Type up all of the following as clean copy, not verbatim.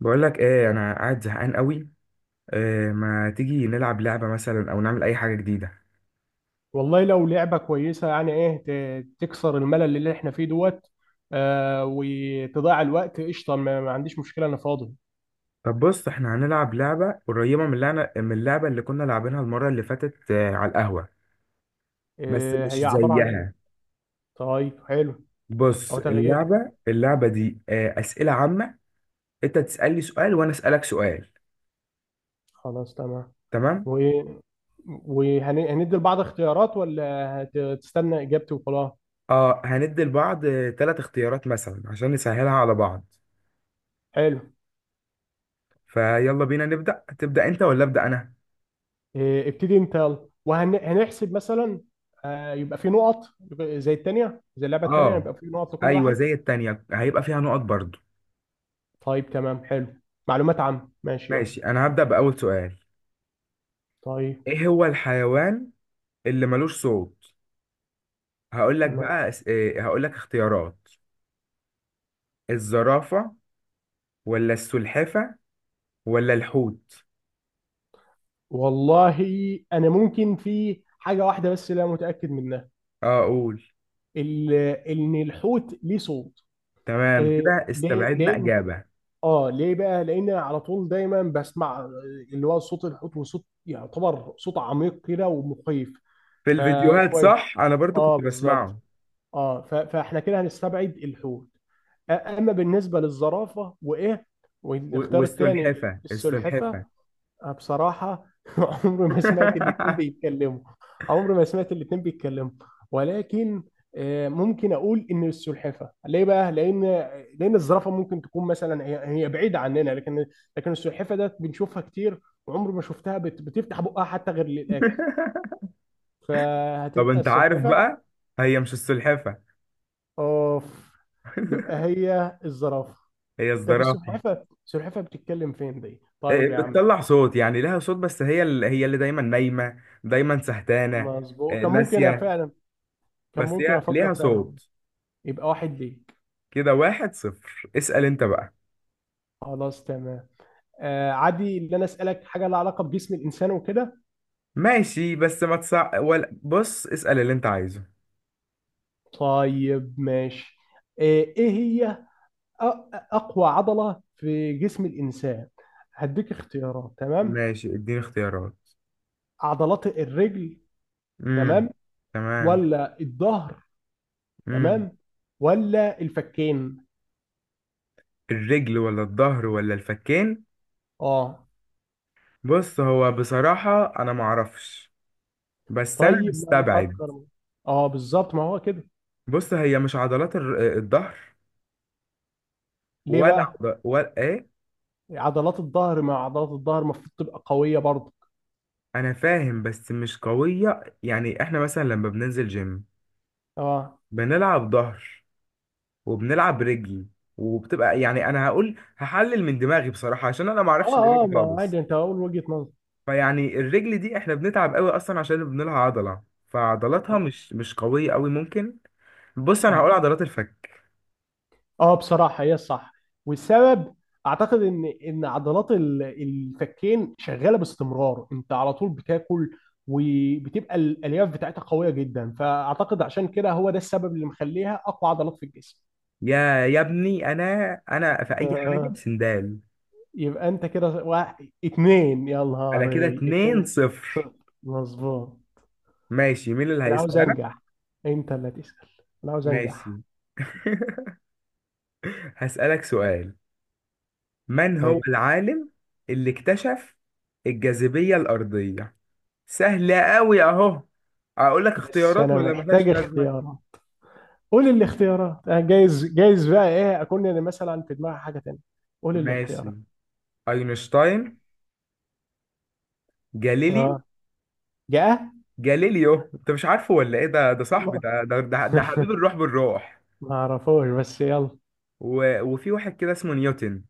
بقول لك ايه انا قاعد زهقان قوي. إيه، ما تيجي نلعب لعبه مثلا او نعمل اي حاجه جديده؟ والله لو لعبة كويسة يعني ايه تكسر الملل اللي احنا فيه دوت. وتضيع الوقت قشطة، ما عنديش مشكلة، انا فاضي. طب بص احنا هنلعب لعبه قريبه من اللعبه اللي كنا لاعبينها المره اللي فاتت، على القهوه. بس آه، مش هي عبارة عن ايه؟ زيها. طيب حلو. بص او تغيير. اللعبه دي اسئله عامه. انت تسالني سؤال وانا اسالك سؤال. خلاص تمام. تمام. و وهندي لبعض اختيارات ولا هتستنى اجابتي وخلاص؟ اه، هندي لبعض ثلاث اختيارات مثلا عشان نسهلها على بعض. حلو. فيلا بينا تبدا انت ولا ابدا انا؟ آه، ابتدي انت يلا وهنحسب مثلا. آه، يبقى في نقط. يبقى زي التانية، زي اللعبة التانية، اه، يبقى في نقط لكل ايوه واحد. زي التانية هيبقى فيها نقط برضو. طيب تمام حلو. معلومات عامة، ماشي يلا. ماشي انا هبدأ بأول سؤال. طيب. ايه هو الحيوان اللي ملوش صوت؟ هقول لك بقى، إيه هقول لك اختيارات. الزرافة، ولا السلحفة، ولا الحوت؟ والله انا ممكن في حاجه واحده بس لا متاكد منها. اه اقول. ال- ان الحوت ليه صوت. تمام إيه، كده ليه؟ استبعدنا لان إجابة. اه ليه بقى، لان على طول دايما بسمع، آه، اللي هو صوت الحوت، وصوت يعتبر صوت عميق كده ومخيف. في الفيديوهات فكويس. صح، انا برضو اه كنت بالظبط. بسمعه. اه فاحنا كده هنستبعد الحوت. اما بالنسبه للزرافه وايه و- والاختيار الثاني والسلحفة السلحفه، السلحفة أنا بصراحة عمري ما سمعت الاتنين بيتكلموا. عمري ما سمعت الاتنين بيتكلموا ولكن، آه، ممكن أقول إن السلحفة ليه بقى؟ لأن، لأن الزرافة ممكن تكون مثلا هي هي بعيدة عننا، لكن، لكن السلحفة ده بنشوفها كتير، وعمري ما شفتها بتفتح بقها حتى غير للأكل، طب فهتبقى انت عارف السلحفة. بقى، هي مش السلحفة. أوف. يبقى هي الزرافة. هي طب الزرافة. السلحفة السلحفة بتتكلم فين دي؟ طيب إيه، يا عم. بتطلع صوت، يعني لها صوت، بس هي اللي دايما نايمة دايما سهتانة. مظبوط، إيه، كان ممكن ناسية. فعلا، كان بس ممكن هي أفكر ليها فعلا. صوت. يبقى واحد ليك. كده واحد صفر، اسأل انت بقى. خلاص تمام. آه عادي، اللي انا اسالك حاجه لها علاقه بجسم الانسان وكده. ماشي، بس ما تصع، ولا بص اسأل اللي انت عايزه. طيب ماشي. آه ايه هي أ- اقوى عضله في جسم الانسان؟ هديك اختيارات تمام. ماشي اديني اختيارات. عضلات الرجل، امم. تمام، تمام. ولا الظهر، امم. تمام، ولا الفكين؟ الرجل ولا الظهر ولا الفكين؟ اه. بص هو بصراحة انا معرفش، بس انا طيب ما مستبعد. نفكر. اه بالظبط، ما هو كده. بص هي مش عضلات الظهر، ليه ولا بقى؟ عض... ولا ايه. عضلات الظهر، مع عضلات الظهر المفروض تبقى قويه برضه. انا فاهم بس مش قوية، يعني احنا مثلا لما بننزل جيم اه بنلعب ظهر وبنلعب رجل، وبتبقى يعني، انا هقول هحلل من دماغي بصراحة عشان انا اه معرفش اه، الاجابة ما هو عادي، خالص. انت اقول وجهة نظر. فيعني الرجل دي احنا بنتعب قوي اصلا عشان بنلعب عضلة، فعضلاتها اه مش قوية قوي ممكن. بص انا اه. هقول عضلات الفك. آه، بصراحة هي الصح. والسبب، اعتقد ان عضلات الفكين شغالة باستمرار، انت على طول بتاكل، وبتبقى الالياف بتاعتها قوية جدا، فاعتقد عشان كده هو ده السبب اللي مخليها اقوى عضلات في الجسم. يا ابني، انا في اي حاجة آه. سندال. يبقى انت كده واحد اتنين، يا انا كده نهاري 2 اتنين صفر. صفر. مظبوط. ماشي، مين اللي انا عاوز هيسأل؟ انا؟ انجح، انت اللي تسأل. انا عاوز انجح. ماشي. هسألك سؤال. من هو ايوه. العالم اللي اكتشف الجاذبية الأرضية؟ سهلة أوي أهو. أقول لك بس اختيارات انا ولا محتاج ملهاش لازمة؟ اختيارات، قول الاختيارات. آه، جايز، جايز بقى ايه اكون انا مثلا في دماغي حاجه تانية. قول الاختيارات. ماشي. أينشتاين، جاليليو. اه. جاء. جاليليو أنت مش عارفه، ولا إيه؟ ده ده صاحبي، ده ده ده, ده حبيب الروح بالروح. ما اعرفوش بس يلا. وفي واحد كده اسمه نيوتن.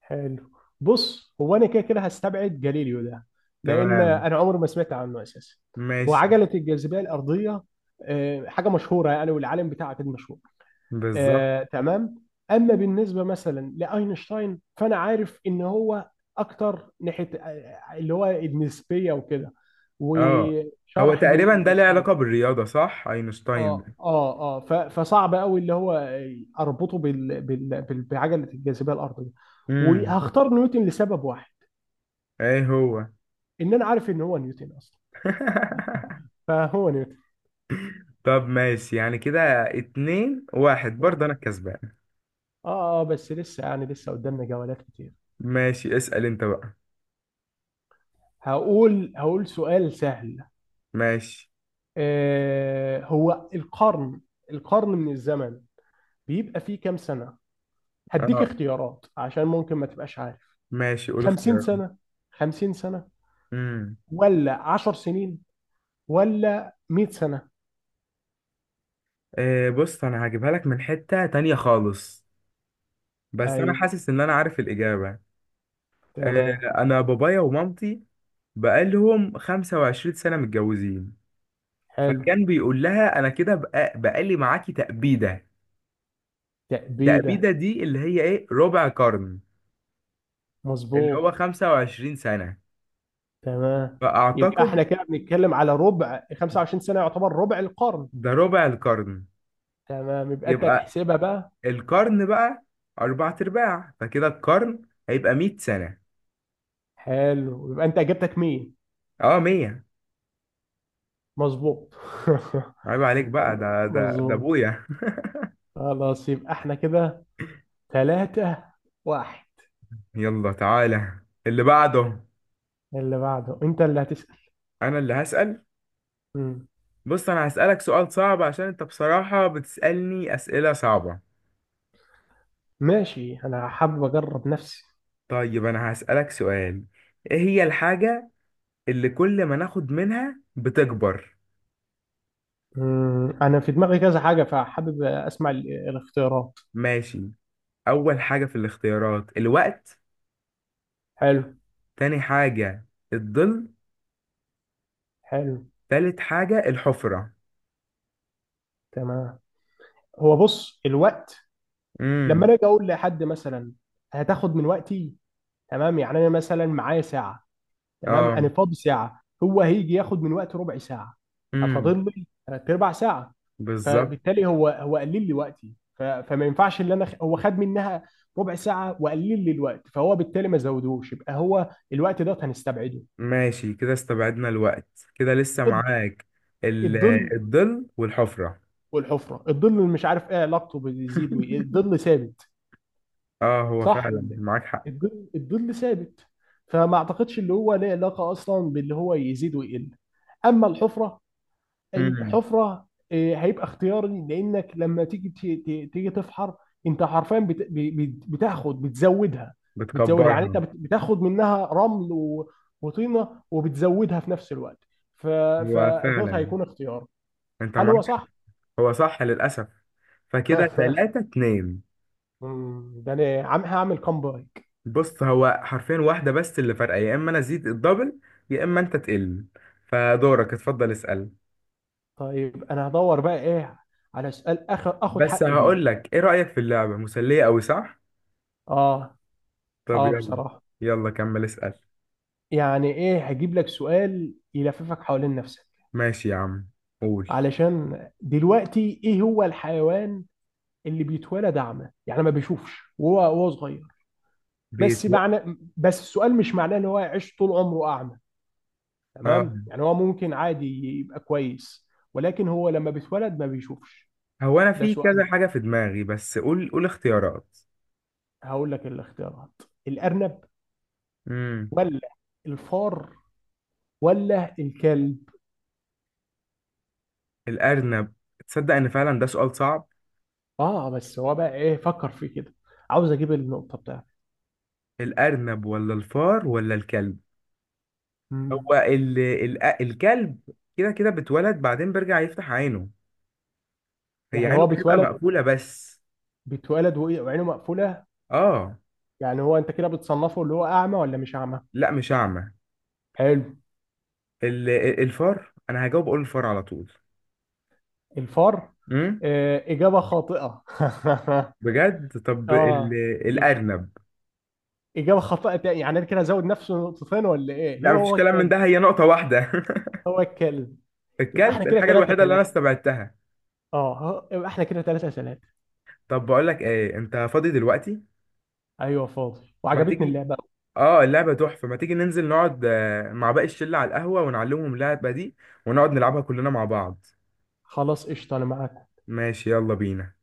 حلو. بص، هو انا كده كده هستبعد جاليليو ده، لان تمام. انا عمري ما سمعت عنه اساسا. ماشي. وعجله الجاذبيه الارضيه، آه، حاجه مشهوره يعني، والعالم بتاعها كان مشهور. بالظبط. آه تمام. اما بالنسبه مثلا لاينشتاين فانا عارف ان هو اكتر ناحيه، آه، آه، اللي هو النسبيه وكده، اه هو وشرح بين تقريبا ده ليه النسبيه. علاقة بالرياضة، صح؟ أينشتاين اه ده. اه اه فصعب قوي اللي هو اربطه بال بعجله الجاذبيه الارضيه. امم. وهختار نيوتن لسبب واحد، ايه هو؟ ان انا عارف ان هو نيوتن اصلا. فهو نيوتن. طب ماشي، يعني كده اتنين واحد، برضه انا الكسبان. اه اه، بس لسه يعني لسه قدامنا جولات كتير. ماشي اسأل انت بقى. هقول هقول سؤال سهل. ماشي. آه، هو القرن، القرن من الزمن، بيبقى فيه كام سنة؟ هديك اه. اختيارات عشان ممكن ما تبقاش عارف. ماشي قول 50 اختيارات. سنة، 50 سنة، امم. ولا 10 سنين، ولا 100 سنة؟ آه بص انا هجيبها لك من حتة تانية خالص، بس انا ايوه. حاسس ان انا عارف الاجابة. آه، تمام. انا بابايا ومامتي بقالهم 25 سنة متجوزين، حلو. فكان بيقول لها، انا كده بقى بقالي معاكي تأبيدة. التأبيدة تأبيدة. دي اللي هي ايه؟ ربع قرن، اللي هو مظبوط. 25 سنة. تمام، يبقى فاعتقد احنا كده بنتكلم على ربع، 25 سنة يعتبر ربع القرن. ده ربع القرن، تمام، يبقى انت يبقى هتحسبها بقى. القرن بقى أربعة أرباع، فكده القرن هيبقى مية سنة. حلو، يبقى انت اجابتك مين؟ اه، مية. مظبوط. عيب عليك بقى، ده مظبوط. أبويا. خلاص يبقى احنا كده ثلاثة واحد. يلا تعالى اللي بعده. اللي بعده انت اللي هتسأل. أنا اللي هسأل. مم. بص أنا هسألك سؤال صعب، عشان أنت بصراحة بتسألني أسئلة صعبة. ماشي، انا حابب اجرب نفسي. طيب أنا هسألك سؤال، إيه هي الحاجة اللي كل ما ناخد منها بتكبر؟ مم. انا في دماغي كذا حاجة، فحابب اسمع الاختيارات. ماشي. أول حاجة في الاختيارات، الوقت. حلو. تاني حاجة، الظل. حلو. تالت حاجة، الحفرة. تمام. هو بص الوقت، لما مم. انا اجي اقول لحد مثلا هتاخد من وقتي، تمام. يعني انا مثلا معايا ساعة، تمام، انا اه. فاضي ساعه، هو هيجي ياخد من وقتي ربع ساعه، امم. هفاضل لي تلات ارباع ساعه. بالظبط. فبالتالي هو هو قلل لي وقتي، فما ينفعش ان انا هو خد منها ربع ساعه وقلل لي الوقت، فهو بالتالي ما زودهوش، يبقى هو الوقت ده هنستبعده. ماشي كده استبعدنا الوقت. كده لسه الض- معاك ال- الظل الظل والحفرة. والحفره. الظل اللي مش عارف ايه علاقته بيزيد وإيه. الظل ثابت، اه، هو صح فعلا ولا معاك حق. إيه؟ الظل الظل ثابت، فما اعتقدش اللي هو له علاقه اصلا باللي هو يزيد ويقل. اما الحفره، امم. الحفره، آه، هيبقى اختياري، لانك لما تيجي تيجي تفحر، انت حرفيا بتاخد، بتزودها. بتزودها، يعني انت بتكبرها. بتاخد منها رمل وطينه، وبتزودها في نفس الوقت. ف- هو فدوت فعلا هيكون اختيار. انت هل معاك هو حق. صح؟ هو صح للأسف، فكده تلاتة اتنين. مم، ده انا عم هعمل كومبايك. بص هو حرفيا واحدة بس اللي فارقة، يا اما انا ازيد الدبل، يا اما انت تقل. فدورك اتفضل اسأل. طيب انا هدور بقى ايه على سؤال اخر اخد بس حقي بيه. هقول لك ايه، رأيك في اللعبة مسلية قوي صح؟ اه طب اه يلا، بصراحه. يلا كمل اسأل. يعني ايه، هجيب لك سؤال يلففك حوالين نفسك. ماشي يا عم، قول. علشان دلوقتي ايه هو الحيوان اللي بيتولد اعمى، يعني ما بيشوفش وهو صغير. بس بيتو... معنى، بس السؤال مش معناه ان هو يعيش طول عمره اعمى، آه. تمام، يعني هو ممكن عادي، يبقى كويس، ولكن هو لما بيتولد ما بيشوفش. هو انا ده في كذا سؤال. حاجة في دماغي، بس قول قول اختيارات. هقول لك الاختيارات. الارنب، امم. ولا الفار، ولا الكلب؟ الارنب. تصدق ان فعلا ده سؤال صعب. اه بس هو بقى ايه، فكر في كده، عاوز اجيب النقطة بتاعتي. الارنب ولا الفار ولا الكلب؟ هو مم. الكلب كده كده بتولد بعدين بيرجع يفتح عينه. هي يعني عينه هو بتبقى بيتولد؟ مقفولة بس. بيتولد وعينه مقفولة. اه. يعني هو انت كده بتصنفه اللي هو اعمى ولا مش اعمى؟ لا مش اعمى. حلو. الفار، انا هجاوب اقول الفار على طول. الفار. امم. آه اجابه خاطئه. بجد؟ طب ال... اه. يبقى الارنب اجابه خاطئه تاني، يعني انا كده ازود نفسه نقطتين ولا ايه، لا، هي مفيش هو كلام من الكلب؟ ده، هي نقطة واحدة. هو الكلب. يبقى احنا الكلب كده الحاجة ثلاثة الوحيدة اللي أنا ثلاثة. استبعدتها. اه يبقى احنا كده ثلاثة ثلاثة. طب بقول لك إيه، أنت فاضي دلوقتي؟ ايوه فاضي، ما وعجبتني تيجي. اللعبه. آه اللعبة تحفة، ما تيجي ننزل نقعد مع باقي الشلة على القهوة ونعلمهم اللعبة دي ونقعد نلعبها كلنا مع بعض. خلاص قشطه، انا معاك. ماشي يلا بينا.